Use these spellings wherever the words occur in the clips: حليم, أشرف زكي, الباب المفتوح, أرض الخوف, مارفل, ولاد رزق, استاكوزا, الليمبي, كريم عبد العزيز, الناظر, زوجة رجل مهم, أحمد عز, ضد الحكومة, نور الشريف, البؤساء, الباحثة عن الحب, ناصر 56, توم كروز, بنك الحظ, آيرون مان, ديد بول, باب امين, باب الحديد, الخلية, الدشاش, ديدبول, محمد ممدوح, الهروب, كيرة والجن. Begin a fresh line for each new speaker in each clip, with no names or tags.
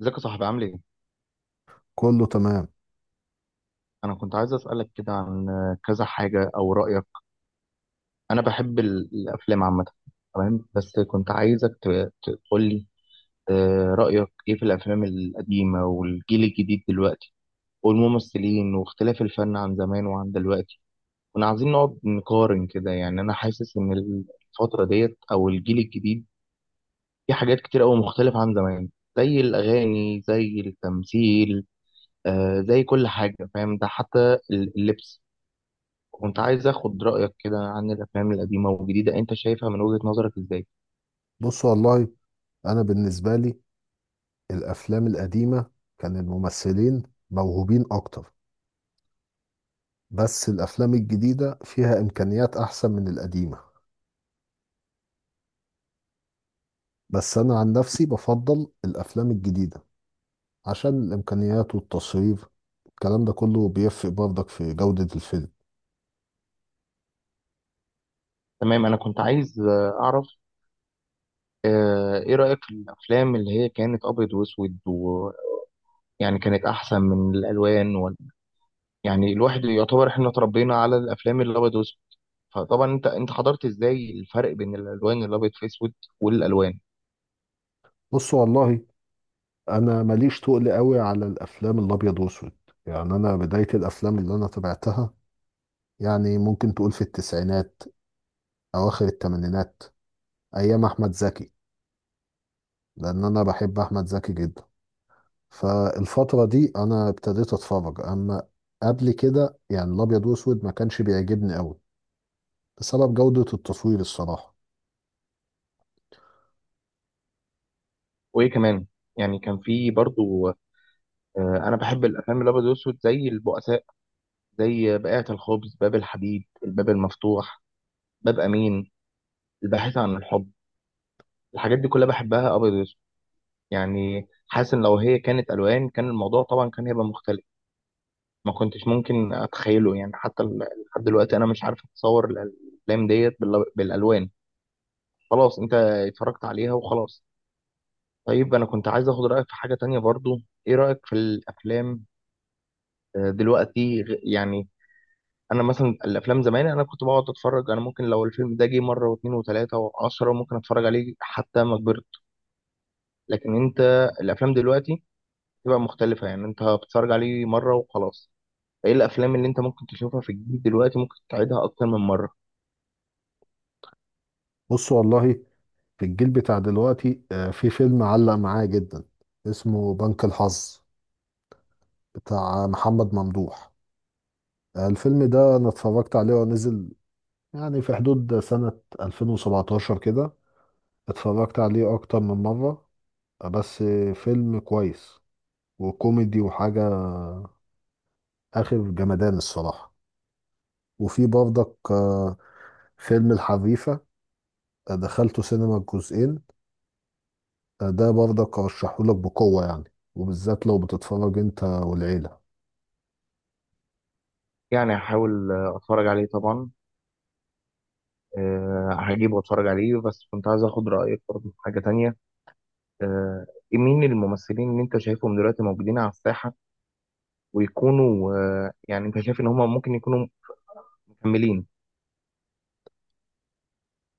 ازيك يا صاحبي؟ عامل ايه؟
كله تمام.
انا كنت عايز اسالك كده عن كذا حاجه او رايك. انا بحب الافلام عامه. تمام، بس كنت عايزك تقول لي رايك ايه في الافلام القديمه والجيل الجديد دلوقتي، والممثلين واختلاف الفن عن زمان وعن دلوقتي. كنا عايزين نقعد نقارن كده، يعني انا حاسس ان الفتره ديت او الجيل الجديد في حاجات كتير قوي مختلفه عن زمان، زي الاغاني زي التمثيل، زي كل حاجه، فاهم؟ ده حتى اللبس. كنت عايز اخد رايك كده عن الافلام القديمه والجديده، انت شايفها من وجهه نظرك ازاي؟
بص والله، انا بالنسبه لي الافلام القديمه كان الممثلين موهوبين اكتر. بس الافلام الجديده فيها امكانيات احسن من القديمه. بس انا عن نفسي بفضل الافلام الجديده عشان الامكانيات والتصوير. الكلام ده كله بيفرق برضك في جوده الفيلم.
تمام، انا كنت عايز اعرف ايه رايك في الافلام اللي هي كانت ابيض واسود، ويعني كانت احسن من الالوان يعني الواحد يعتبر احنا اتربينا على الافلام الابيض واسود. فطبعا انت حضرت ازاي الفرق بين الالوان الابيض في اسود والالوان؟
بص والله، انا ماليش تقل قوي على الافلام الابيض واسود. يعني انا بدايه الافلام اللي انا تابعتها يعني ممكن تقول في التسعينات، اواخر الثمانينات، ايام احمد زكي، لان انا بحب احمد زكي جدا. فالفتره دي انا ابتديت اتفرج، اما قبل كده يعني الابيض واسود ما كانش بيعجبني قوي بسبب جوده التصوير الصراحه.
وايه كمان، يعني كان في برضو انا بحب الافلام الابيض واسود، زي البؤساء، زي بائعة الخبز، باب الحديد، الباب المفتوح، باب امين، الباحثة عن الحب. الحاجات دي كلها بحبها أبيض وأسود. يعني حاسس إن لو هي كانت ألوان كان الموضوع طبعا كان هيبقى مختلف، ما كنتش ممكن أتخيله. يعني حتى لحد دلوقتي أنا مش عارف أتصور الأفلام ديت بالألوان. خلاص، أنت اتفرجت عليها وخلاص. طيب أنا كنت عايز آخد رأيك في حاجة تانية برضو. إيه رأيك في الأفلام دلوقتي؟ يعني أنا مثلا الأفلام زمان أنا كنت بقعد أتفرج، أنا ممكن لو الفيلم ده جه مرة واتنين وتلاتة وعشرة ممكن أتفرج عليه حتى ما كبرت. لكن أنت الأفلام دلوقتي تبقى مختلفة، يعني انت بتتفرج عليه مرة وخلاص. ايه الافلام اللي انت ممكن تشوفها في الجديد دلوقتي ممكن تعيدها اكتر من مرة؟
بص والله، في الجيل بتاع دلوقتي في فيلم علق معايا جدا اسمه بنك الحظ بتاع محمد ممدوح. الفيلم ده انا اتفرجت عليه ونزل يعني في حدود سنه 2017 كده. اتفرجت عليه اكتر من مره. بس فيلم كويس وكوميدي وحاجة آخر جمدان الصراحة. وفي برضك فيلم الحريفة، دخلته سينما الجزئين. ده برضك أرشحهولك بقوة يعني، وبالذات لو بتتفرج أنت والعيلة.
يعني هحاول اتفرج عليه طبعا. أه، هجيبه واتفرج عليه. بس كنت عايز اخد رأيك برضه في حاجة تانية. أه، مين الممثلين اللي انت شايفهم دلوقتي موجودين على الساحة، ويكونوا أه، يعني انت شايف ان هم ممكن يكونوا مكملين؟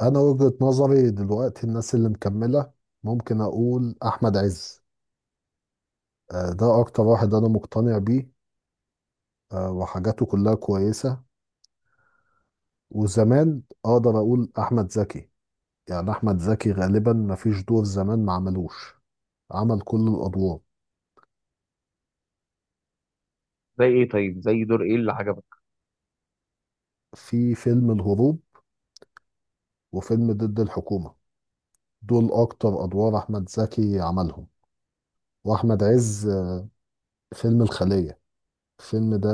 أنا وجهة نظري دلوقتي الناس اللي مكملة ممكن أقول أحمد عز. ده أكتر واحد أنا مقتنع بيه. وحاجاته كلها كويسة. وزمان أقدر أقول أحمد زكي. يعني أحمد زكي غالبا مفيش دور زمان ما عملوش، عمل كل الأدوار.
زي ايه؟ طيب زي دور ايه اللي عجبك؟
في فيلم الهروب وفيلم ضد الحكومة، دول أكتر أدوار أحمد زكي عملهم. وأحمد عز، فيلم الخلية، الفيلم ده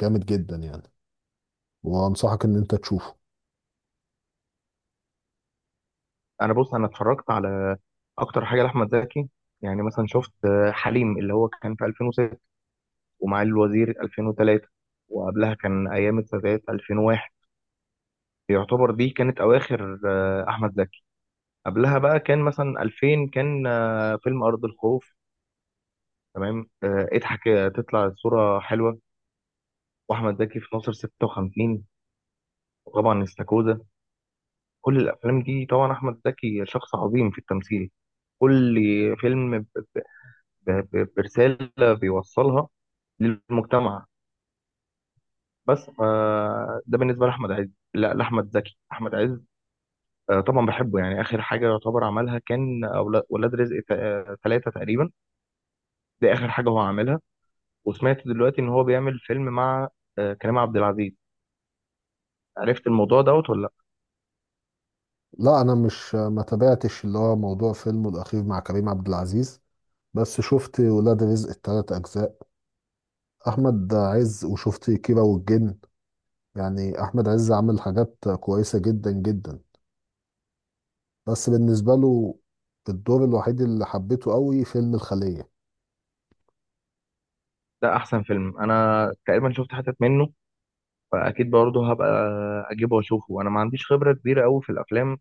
جامد جدا يعني، وأنصحك إن أنت تشوفه.
انا بص، انا اتفرجت على اكتر حاجة لاحمد زكي. يعني مثلا شفت حليم اللي هو كان في 2006، ومعالي الوزير 2003، وقبلها كان أيام السادات 2001. يعتبر دي كانت أواخر أحمد زكي. قبلها بقى كان مثلا 2000، كان فيلم أرض الخوف. تمام، اضحك تطلع الصورة حلوة. وأحمد زكي في ناصر 56، وطبعا استاكوزا. كل الأفلام دي طبعا أحمد زكي شخص عظيم في التمثيل. كل فيلم ب- برسالة بيوصلها للمجتمع. بس ده بالنسبة لأحمد عز، لا لأحمد زكي. أحمد عز طبعا بحبه، يعني اخر حاجه يعتبر عملها كان ولاد رزق ثلاثة تقريبا. دي اخر حاجه هو عاملها. وسمعت دلوقتي ان هو بيعمل فيلم مع كريم عبد العزيز. عرفت الموضوع دوت ولا لا؟
لا، أنا مش ما تابعتش اللي هو موضوع فيلمه الأخير مع كريم عبد العزيز. بس شفت ولاد رزق التلات أجزاء أحمد عز، وشفت كيرة والجن. يعني أحمد عز عمل حاجات كويسة جدا جدا، بس بالنسبة له الدور الوحيد اللي حبيته قوي فيلم الخلية.
ده احسن فيلم انا تقريبا شفت حتت منه، فاكيد برضه هبقى اجيبه واشوفه. انا ما عنديش خبره كبيره قوي في الافلام،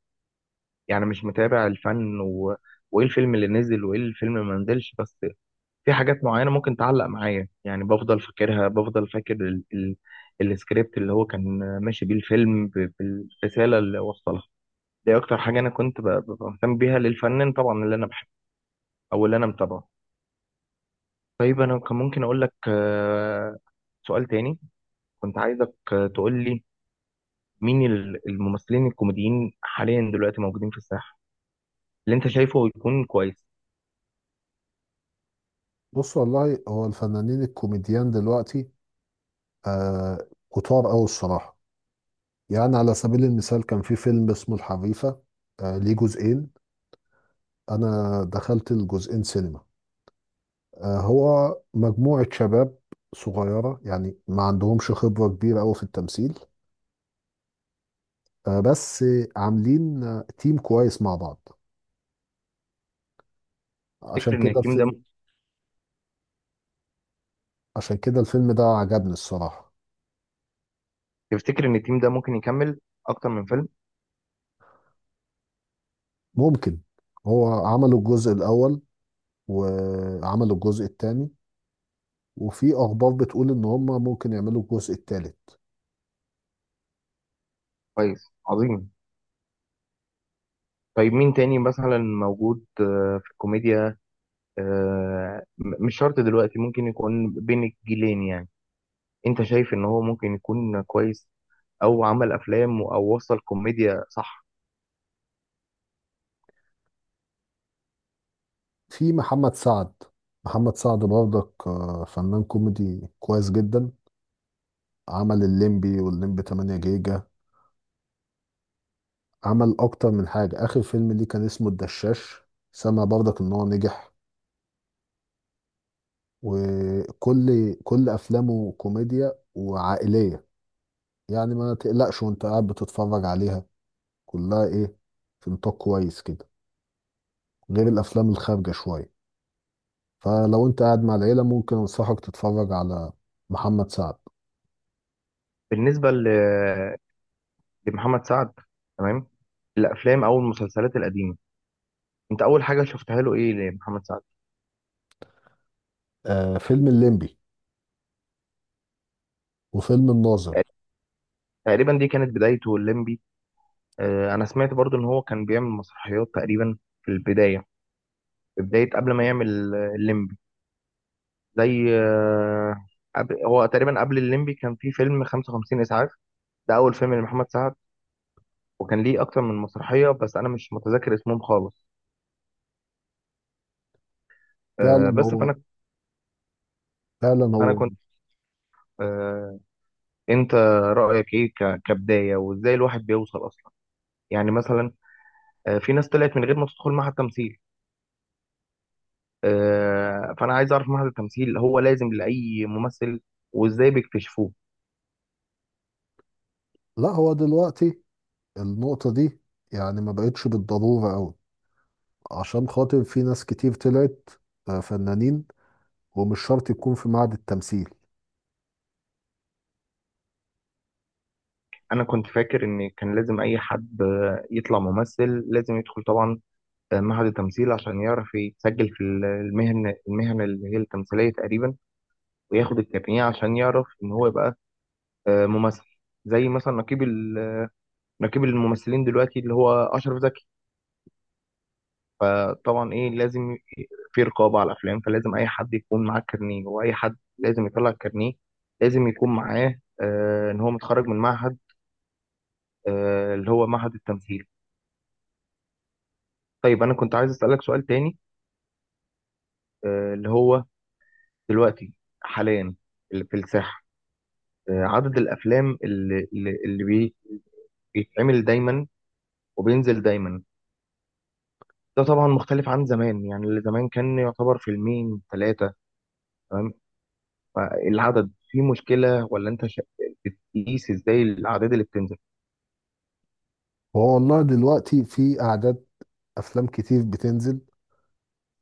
يعني مش متابع الفن وايه الفيلم اللي نزل وايه الفيلم اللي ما نزلش. بس في حاجات معينة ممكن تعلق معايا، يعني بفضل فاكرها، بفضل فاكر ال السكريبت اللي هو كان ماشي بيه الفيلم بالرسالة اللي وصلها. دي أكتر حاجة أنا كنت ببقى مهتم بيها للفنان طبعا اللي أنا بحبه أو اللي أنا متابعه. طيب أنا كان ممكن أقول لك سؤال تاني، كنت عايزك تقول لي مين الممثلين الكوميديين حاليا دلوقتي موجودين في الساحة اللي أنت شايفه يكون كويس.
بص والله، هو الفنانين الكوميديان دلوقتي آه كتار أوي الصراحة. يعني على سبيل المثال كان في فيلم اسمه الحريفة، ليه جزئين. أنا دخلت الجزئين سينما. هو مجموعة شباب صغيرة يعني ما عندهمش خبرة كبيرة أوي في التمثيل، بس عاملين تيم كويس مع بعض. عشان
تفتكر إن
كده
التيم ده،
الفيلم عشان كده الفيلم ده عجبني الصراحة.
تفتكر إن التيم ده ممكن يكمل أكتر من فيلم؟
ممكن. هو عملوا الجزء الأول وعملوا الجزء الثاني، وفي اخبار بتقول ان هم ممكن يعملوا الجزء الثالث.
كويس، عظيم. طيب مين تاني مثلا موجود في الكوميديا؟ مش شرط دلوقتي، ممكن يكون بين الجيلين يعني، انت شايف ان هو ممكن يكون كويس او عمل افلام او وصل كوميديا، صح؟
في محمد سعد. محمد سعد برضك فنان كوميدي كويس جدا. عمل الليمبي والليمبي 8 جيجا. عمل اكتر من حاجة، اخر فيلم ليه كان اسمه الدشاش. سمع برضك ان هو نجح. وكل افلامه كوميديا وعائلية. يعني ما تقلقش وانت قاعد بتتفرج عليها، كلها ايه، في نطاق كويس كده، غير الافلام الخارجة شوية. فلو انت قاعد مع العيلة ممكن انصحك تتفرج على محمد سعد.
بالنسبة لمحمد سعد، تمام، الافلام او المسلسلات القديمة، انت اول حاجة شفتها له ايه لمحمد سعد؟
فيلم الليمبي وفيلم الناظر.
تقريبا دي كانت بدايته الليمبي. انا سمعت برضو ان هو كان بيعمل مسرحيات تقريبا في البداية، في بداية قبل ما يعمل الليمبي. زي هو تقريبا قبل الليمبي كان في فيلم 55 إسعاف، ده أول فيلم لمحمد سعد. وكان ليه أكتر من مسرحية بس أنا مش متذكر اسمهم خالص.
فعلا
بس
هو
فأنا،
فعلا
أنا
هو
كنت آه، أنت رأيك إيه كبداية، وإزاي الواحد بيوصل أصلا؟ يعني مثلا في ناس طلعت من غير ما تدخل معهد تمثيل. فأنا عايز أعرف معهد التمثيل هو لازم لأي ممثل، وإزاي بيكتشفوه؟
لا، هو دلوقتي النقطة دي يعني ما بقتش بالضرورة قوي، عشان خاطر في ناس كتير طلعت فنانين ومش شرط يكون في معهد التمثيل.
أنا كنت فاكر إن كان لازم أي حد يطلع ممثل لازم يدخل طبعا معهد التمثيل عشان يعرف يتسجل في المهن، اللي هي التمثيلية تقريبا، وياخد الكابينيه عشان يعرف إن هو يبقى ممثل. زي مثلا نقيب نقيب الممثلين دلوقتي اللي هو أشرف زكي. فطبعا إيه، ي- في رقابة على الأفلام، فلازم أي حد يكون معاه كارنيه، وأي حد لازم يطلع الكارنيه لازم يكون معاه إن هو متخرج من معهد اللي هو معهد التمثيل. طيب أنا كنت عايز أسألك سؤال تاني، اللي هو دلوقتي حاليا اللي في الساحة، عدد الافلام بيتعمل دايما وبينزل دايما، ده طبعا مختلف عن زمان، يعني اللي زمان كان يعتبر فيلمين ثلاثه. تمام، فالعدد في مشكله ولا انت بتقيس ازاي الاعداد اللي بتنزل؟
هو والله دلوقتي في أعداد أفلام كتير بتنزل.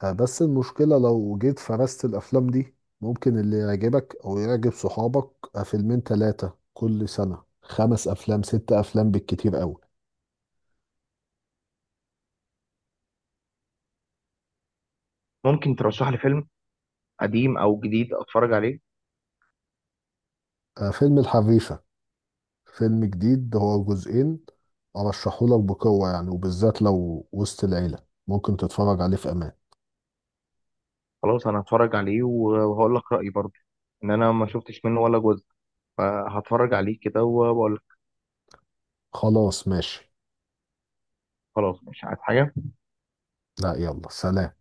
بس المشكلة لو جيت فرست الأفلام دي، ممكن اللي يعجبك أو يعجب صحابك فيلمين تلاتة كل سنة، خمس أفلام ست أفلام بالكتير أوي.
ممكن ترشح لي فيلم قديم او جديد اتفرج عليه؟
فيلم الحريفة، فيلم جديد هو جزئين، أرشحهولك بقوة يعني وبالذات لو وسط العيلة ممكن تتفرج عليه في أمان.
خلاص انا هتفرج عليه وهقول لك رايي برضه، ان انا ما شفتش منه ولا جزء، فهتفرج عليه كده وبقول لك.
خلاص ماشي.
خلاص، مش عايز حاجه.
لا يلا سلام.